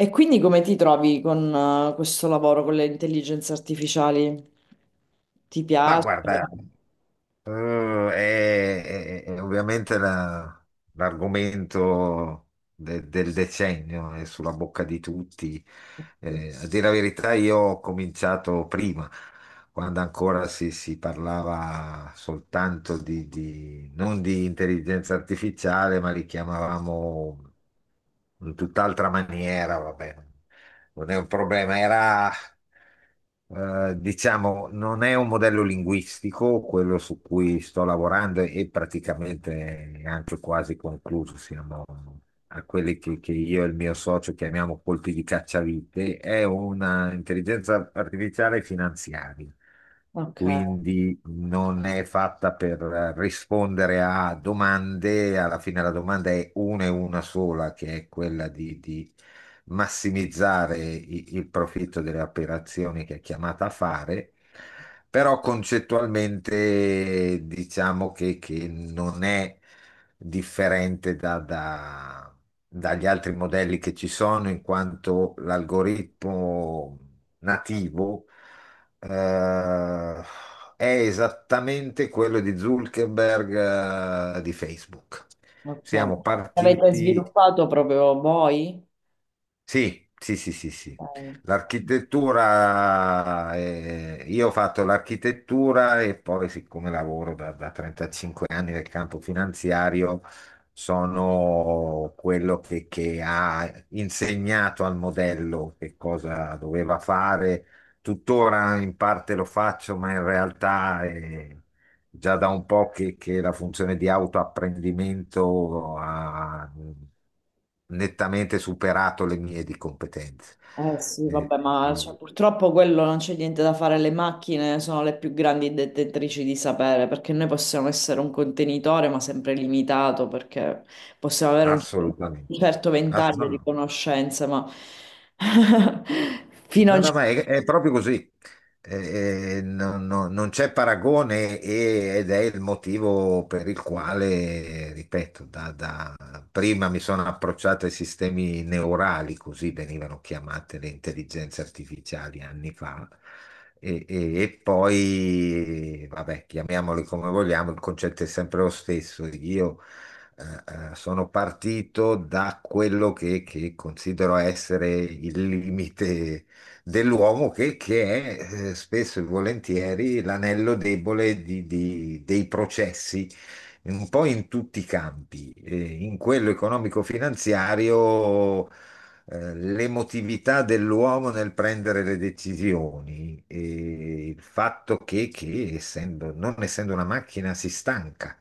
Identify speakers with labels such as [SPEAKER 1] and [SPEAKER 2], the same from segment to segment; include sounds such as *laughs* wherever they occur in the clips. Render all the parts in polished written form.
[SPEAKER 1] E quindi come ti trovi con questo lavoro con le intelligenze artificiali? Ti
[SPEAKER 2] Ma
[SPEAKER 1] piace?
[SPEAKER 2] guarda, è ovviamente l'argomento del decennio, è sulla bocca di tutti. A dire la verità, io ho cominciato prima, quando ancora si parlava soltanto non di intelligenza artificiale, ma li chiamavamo in tutt'altra maniera. Vabbè, non è un problema. Era, diciamo, non è un modello linguistico quello su cui sto lavorando, e praticamente è anche quasi concluso. Siamo a quelli che io e il mio socio chiamiamo colpi di cacciavite. È una intelligenza artificiale finanziaria.
[SPEAKER 1] Ok,
[SPEAKER 2] Quindi non è fatta per rispondere a domande, alla fine la domanda è una e una sola, che è quella di massimizzare il profitto delle operazioni che è chiamata a fare, però concettualmente diciamo che non è differente dagli altri modelli che ci sono, in quanto l'algoritmo nativo, eh, è esattamente quello di Zuckerberg, di Facebook.
[SPEAKER 1] ok.
[SPEAKER 2] Siamo
[SPEAKER 1] L'avete
[SPEAKER 2] partiti.
[SPEAKER 1] sviluppato proprio voi?
[SPEAKER 2] Sì, sì, sì, sì, sì.
[SPEAKER 1] Ok.
[SPEAKER 2] L'architettura, io ho fatto l'architettura, e poi siccome lavoro da 35 anni nel campo finanziario, sono quello che ha insegnato al modello che cosa doveva fare. Tuttora in parte lo faccio, ma in realtà, già da un po' che la funzione di autoapprendimento ha nettamente superato le mie di competenze.
[SPEAKER 1] Eh sì,
[SPEAKER 2] Eh,
[SPEAKER 1] vabbè, ma cioè,
[SPEAKER 2] eh,
[SPEAKER 1] purtroppo quello non c'è niente da fare, le macchine sono le più grandi detentrici di sapere, perché noi possiamo essere un contenitore, ma sempre limitato, perché possiamo avere un
[SPEAKER 2] Assolutamente.
[SPEAKER 1] certo ventaglio di
[SPEAKER 2] Assolutamente.
[SPEAKER 1] conoscenze, ma *laughs* fino a
[SPEAKER 2] No,
[SPEAKER 1] un.
[SPEAKER 2] no, ma è proprio così. Non c'è paragone, ed è il motivo per il quale, ripeto, prima mi sono approcciato ai sistemi neurali, così venivano chiamate le intelligenze artificiali anni fa, e poi, vabbè, chiamiamoli come vogliamo, il concetto è sempre lo stesso. Io sono partito da quello che considero essere il limite dell'uomo, che è spesso e volentieri l'anello debole dei processi, un po' in tutti i campi, in quello economico-finanziario, l'emotività dell'uomo nel prendere le decisioni, e il fatto che non essendo una macchina si stanca.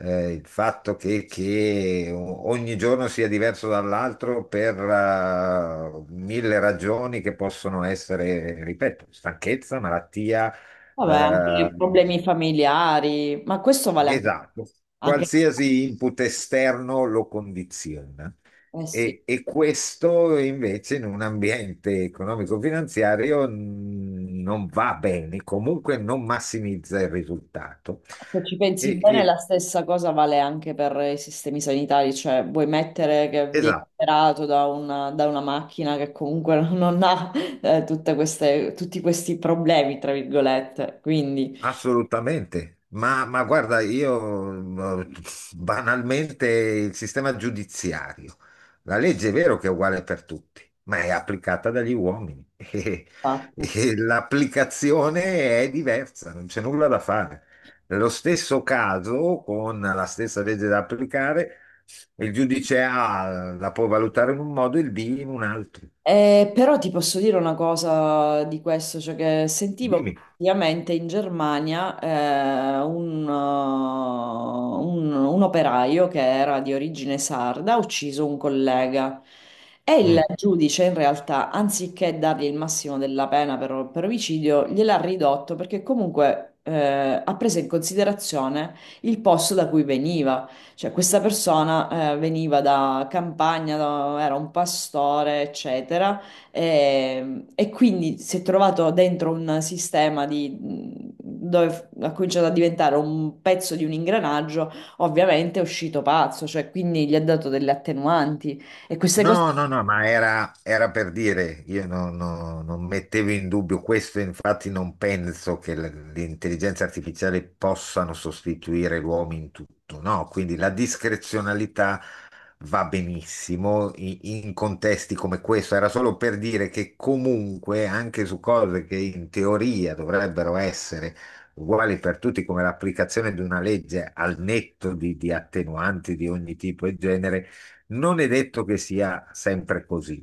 [SPEAKER 2] Il fatto che ogni giorno sia diverso dall'altro per mille ragioni che possono essere, ripeto, stanchezza, malattia,
[SPEAKER 1] Vabbè, anche
[SPEAKER 2] eh,
[SPEAKER 1] i problemi familiari, ma questo vale anche,
[SPEAKER 2] esatto,
[SPEAKER 1] anche-
[SPEAKER 2] qualsiasi input esterno lo condiziona,
[SPEAKER 1] eh sì,
[SPEAKER 2] e questo invece in un ambiente economico-finanziario, non va bene, comunque non massimizza il risultato.
[SPEAKER 1] se ci pensi
[SPEAKER 2] E-
[SPEAKER 1] bene, la
[SPEAKER 2] e-
[SPEAKER 1] stessa cosa vale anche per i sistemi sanitari, cioè vuoi mettere che vieni
[SPEAKER 2] Esatto.
[SPEAKER 1] operato da una macchina che comunque *laughs* non ha tutte queste, tutti questi problemi, tra virgolette, quindi...
[SPEAKER 2] Assolutamente. Ma guarda, io, banalmente, il sistema giudiziario, la legge è vero che è uguale per tutti, ma è applicata dagli uomini *laughs* e,
[SPEAKER 1] Ah.
[SPEAKER 2] e l'applicazione è diversa, non c'è nulla da fare. Nello stesso caso, con la stessa legge da applicare, il giudice A la può valutare in un modo e il B in un altro.
[SPEAKER 1] Però ti posso dire una cosa di questo, cioè che sentivo che
[SPEAKER 2] Dimmi.
[SPEAKER 1] praticamente in Germania un operaio che era di origine sarda ha ucciso un collega e il giudice in realtà, anziché dargli il massimo della pena per omicidio, gliel'ha ridotto perché comunque ha preso in considerazione il posto da cui veniva. Cioè, questa persona veniva da campagna, era un pastore, eccetera, e quindi si è trovato dentro un dove ha cominciato a diventare un pezzo di un ingranaggio, ovviamente è uscito pazzo, cioè, quindi gli ha dato delle attenuanti e queste cose...
[SPEAKER 2] No, no, no, ma era per dire, io non mettevo in dubbio questo, infatti non penso che l'intelligenza artificiale possano sostituire l'uomo in tutto, no? Quindi la discrezionalità va benissimo in contesti come questo. Era solo per dire che comunque anche su cose che in teoria dovrebbero essere uguali per tutti, come l'applicazione di una legge al netto di attenuanti di ogni tipo e genere, non è detto che sia sempre così.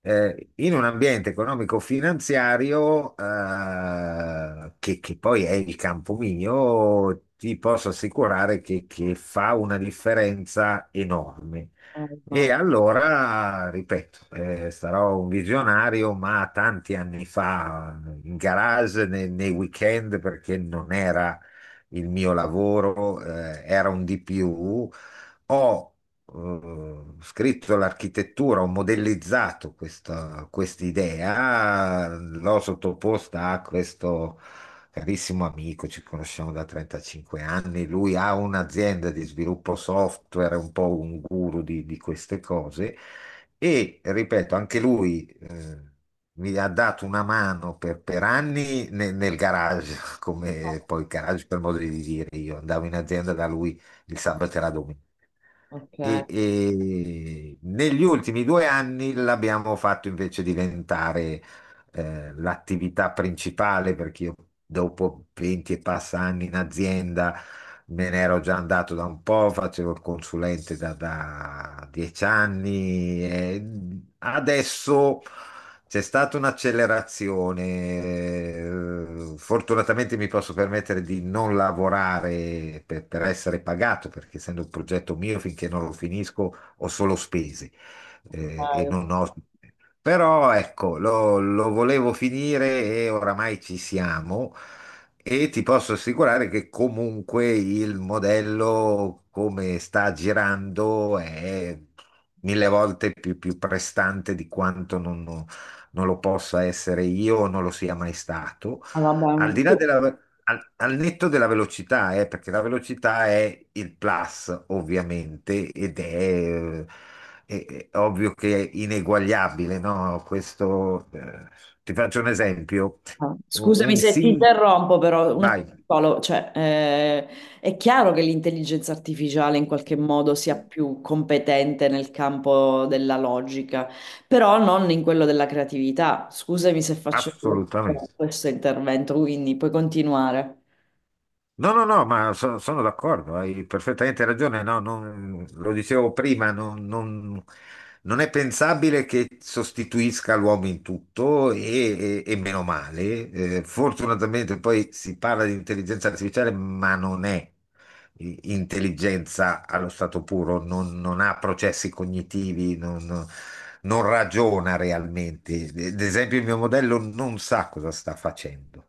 [SPEAKER 2] In un ambiente economico-finanziario, che poi è il campo mio, ti posso assicurare che fa una differenza enorme.
[SPEAKER 1] Oh,
[SPEAKER 2] E
[SPEAKER 1] no.
[SPEAKER 2] allora, ripeto, sarò un visionario, ma tanti anni fa, in garage nei weekend, perché non era il mio lavoro, era un di più. Ho scritto l'architettura, ho modellizzato questa idea, l'ho sottoposta a questo carissimo amico, ci conosciamo da 35 anni, lui ha un'azienda di sviluppo software, è un po' un guru di queste cose, e, ripeto, anche lui mi ha dato una mano per anni nel garage. *laughs* Come poi garage per modo di dire, io andavo in azienda da lui il sabato e la domenica.
[SPEAKER 1] Ok,
[SPEAKER 2] E, e negli ultimi 2 anni l'abbiamo fatto invece diventare l'attività principale, perché io dopo 20 e passa anni in azienda me ne ero già andato da un po', facevo il consulente da 10 anni, e adesso c'è stata un'accelerazione. Fortunatamente mi posso permettere di non lavorare per essere pagato, perché essendo un progetto mio, finché non lo finisco, ho solo spese, e
[SPEAKER 1] ah,
[SPEAKER 2] non ho. Però ecco, lo volevo finire, e oramai ci siamo, e ti posso assicurare che comunque il modello come sta girando è mille volte più prestante di quanto non lo possa essere io, o non lo sia mai stato.
[SPEAKER 1] vabbè.
[SPEAKER 2] Al di là della... Al, al netto della velocità, perché la velocità è il plus, ovviamente, ed è ovvio che è ineguagliabile, no? Questo, ti faccio un esempio.
[SPEAKER 1] Ah, scusami
[SPEAKER 2] Un
[SPEAKER 1] se ti
[SPEAKER 2] sim...
[SPEAKER 1] interrompo, però un attimo
[SPEAKER 2] Vai,
[SPEAKER 1] solo, cioè, è chiaro che l'intelligenza artificiale in qualche modo sia più competente nel campo della logica, però non in quello della creatività. Scusami se faccio solo questo,
[SPEAKER 2] assolutamente.
[SPEAKER 1] questo intervento, quindi puoi continuare.
[SPEAKER 2] No, no, no, ma sono d'accordo, hai perfettamente ragione. No, lo dicevo prima, non è pensabile che sostituisca l'uomo in tutto, e meno male. Fortunatamente poi si parla di intelligenza artificiale, ma non è intelligenza allo stato puro, non ha processi cognitivi, non ragiona realmente. Ad esempio, il mio modello non sa cosa sta facendo.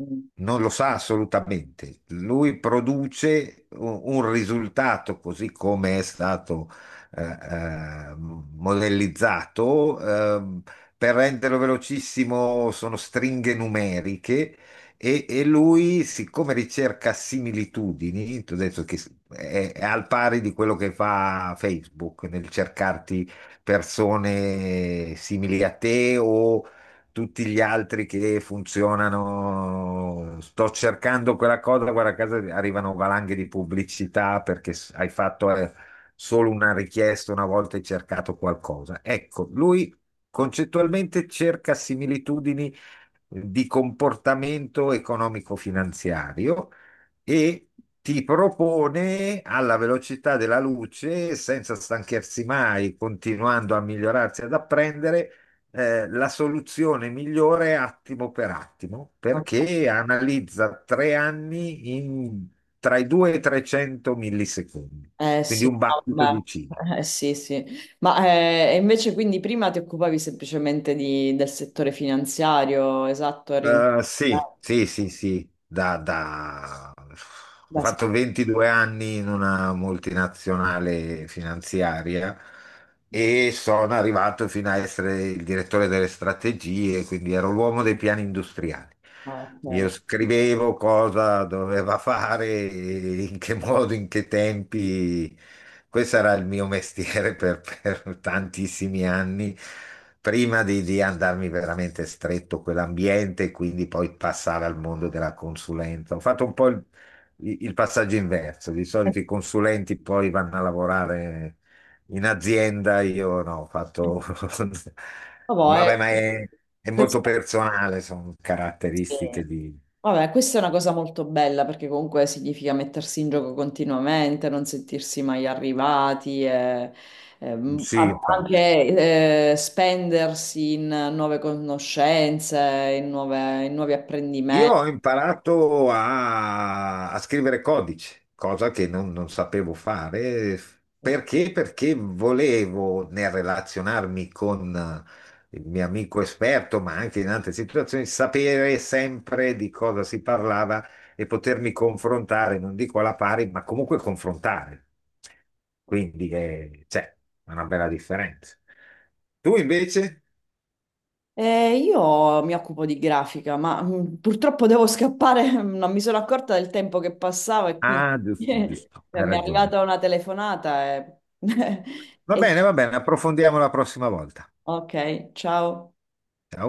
[SPEAKER 1] Mm.
[SPEAKER 2] Non lo sa assolutamente. Lui produce un risultato così come è stato modellizzato. Per renderlo velocissimo sono stringhe numeriche, e lui, siccome ricerca similitudini, ti ho detto che è al pari di quello che fa Facebook nel cercarti persone simili a te, o tutti gli altri che funzionano. Sto cercando quella cosa, guarda, a casa arrivano valanghe di pubblicità perché hai fatto, solo una richiesta, una volta hai cercato qualcosa. Ecco, lui concettualmente cerca similitudini di comportamento economico-finanziario, e ti propone alla velocità della luce, senza stanchersi mai, continuando a migliorarsi ad apprendere, la soluzione migliore attimo per attimo,
[SPEAKER 1] Ok.
[SPEAKER 2] perché analizza 3 anni tra i 2 e i 300 millisecondi,
[SPEAKER 1] Eh
[SPEAKER 2] quindi
[SPEAKER 1] sì,
[SPEAKER 2] un
[SPEAKER 1] no,
[SPEAKER 2] battito di ciglia.
[SPEAKER 1] vabbè. Sì, sì. Ma invece quindi prima ti occupavi semplicemente del settore finanziario, esatto, eri un...
[SPEAKER 2] Sì,
[SPEAKER 1] Da,
[SPEAKER 2] sì, sì, sì. Ho
[SPEAKER 1] da sempre.
[SPEAKER 2] fatto 22 anni in una multinazionale finanziaria, e sono arrivato fino a essere il direttore delle strategie, quindi ero l'uomo dei piani industriali.
[SPEAKER 1] Ah, ok.
[SPEAKER 2] Io
[SPEAKER 1] Ok.
[SPEAKER 2] scrivevo cosa doveva fare, in che *laughs* modo, in che tempi. Questo era il mio mestiere *laughs* per tantissimi anni, prima di andarmi veramente stretto quell'ambiente, quindi poi passare al mondo della consulenza. Ho fatto un po' il passaggio inverso. Di
[SPEAKER 1] Eh,
[SPEAKER 2] solito i consulenti poi vanno a lavorare in azienda, io no, ho fatto. *laughs* Vabbè,
[SPEAKER 1] vabbè,
[SPEAKER 2] ma è molto
[SPEAKER 1] questa,
[SPEAKER 2] personale, sono
[SPEAKER 1] sì.
[SPEAKER 2] caratteristiche di.
[SPEAKER 1] Vabbè, questa è una cosa molto bella perché comunque significa mettersi in gioco continuamente, non sentirsi mai arrivati, e,
[SPEAKER 2] Sì, infatti.
[SPEAKER 1] anche spendersi in nuove conoscenze, in nuovi
[SPEAKER 2] Io
[SPEAKER 1] apprendimenti.
[SPEAKER 2] ho imparato a scrivere codice, cosa che non sapevo fare. Perché? Perché volevo, nel relazionarmi con il mio amico esperto, ma anche in altre situazioni, sapere sempre di cosa si parlava, e potermi confrontare, non dico alla pari, ma comunque confrontare. Quindi c'è una bella differenza. Tu invece?
[SPEAKER 1] Io mi occupo di grafica, ma purtroppo devo scappare, *laughs* non mi sono accorta del tempo che passava e quindi
[SPEAKER 2] Ah,
[SPEAKER 1] *laughs*
[SPEAKER 2] giusto,
[SPEAKER 1] eh,
[SPEAKER 2] giusto, hai
[SPEAKER 1] mi è
[SPEAKER 2] ragione.
[SPEAKER 1] arrivata una telefonata e... *laughs* e-
[SPEAKER 2] Va bene, approfondiamo la prossima volta.
[SPEAKER 1] Ok, ciao.
[SPEAKER 2] Ciao.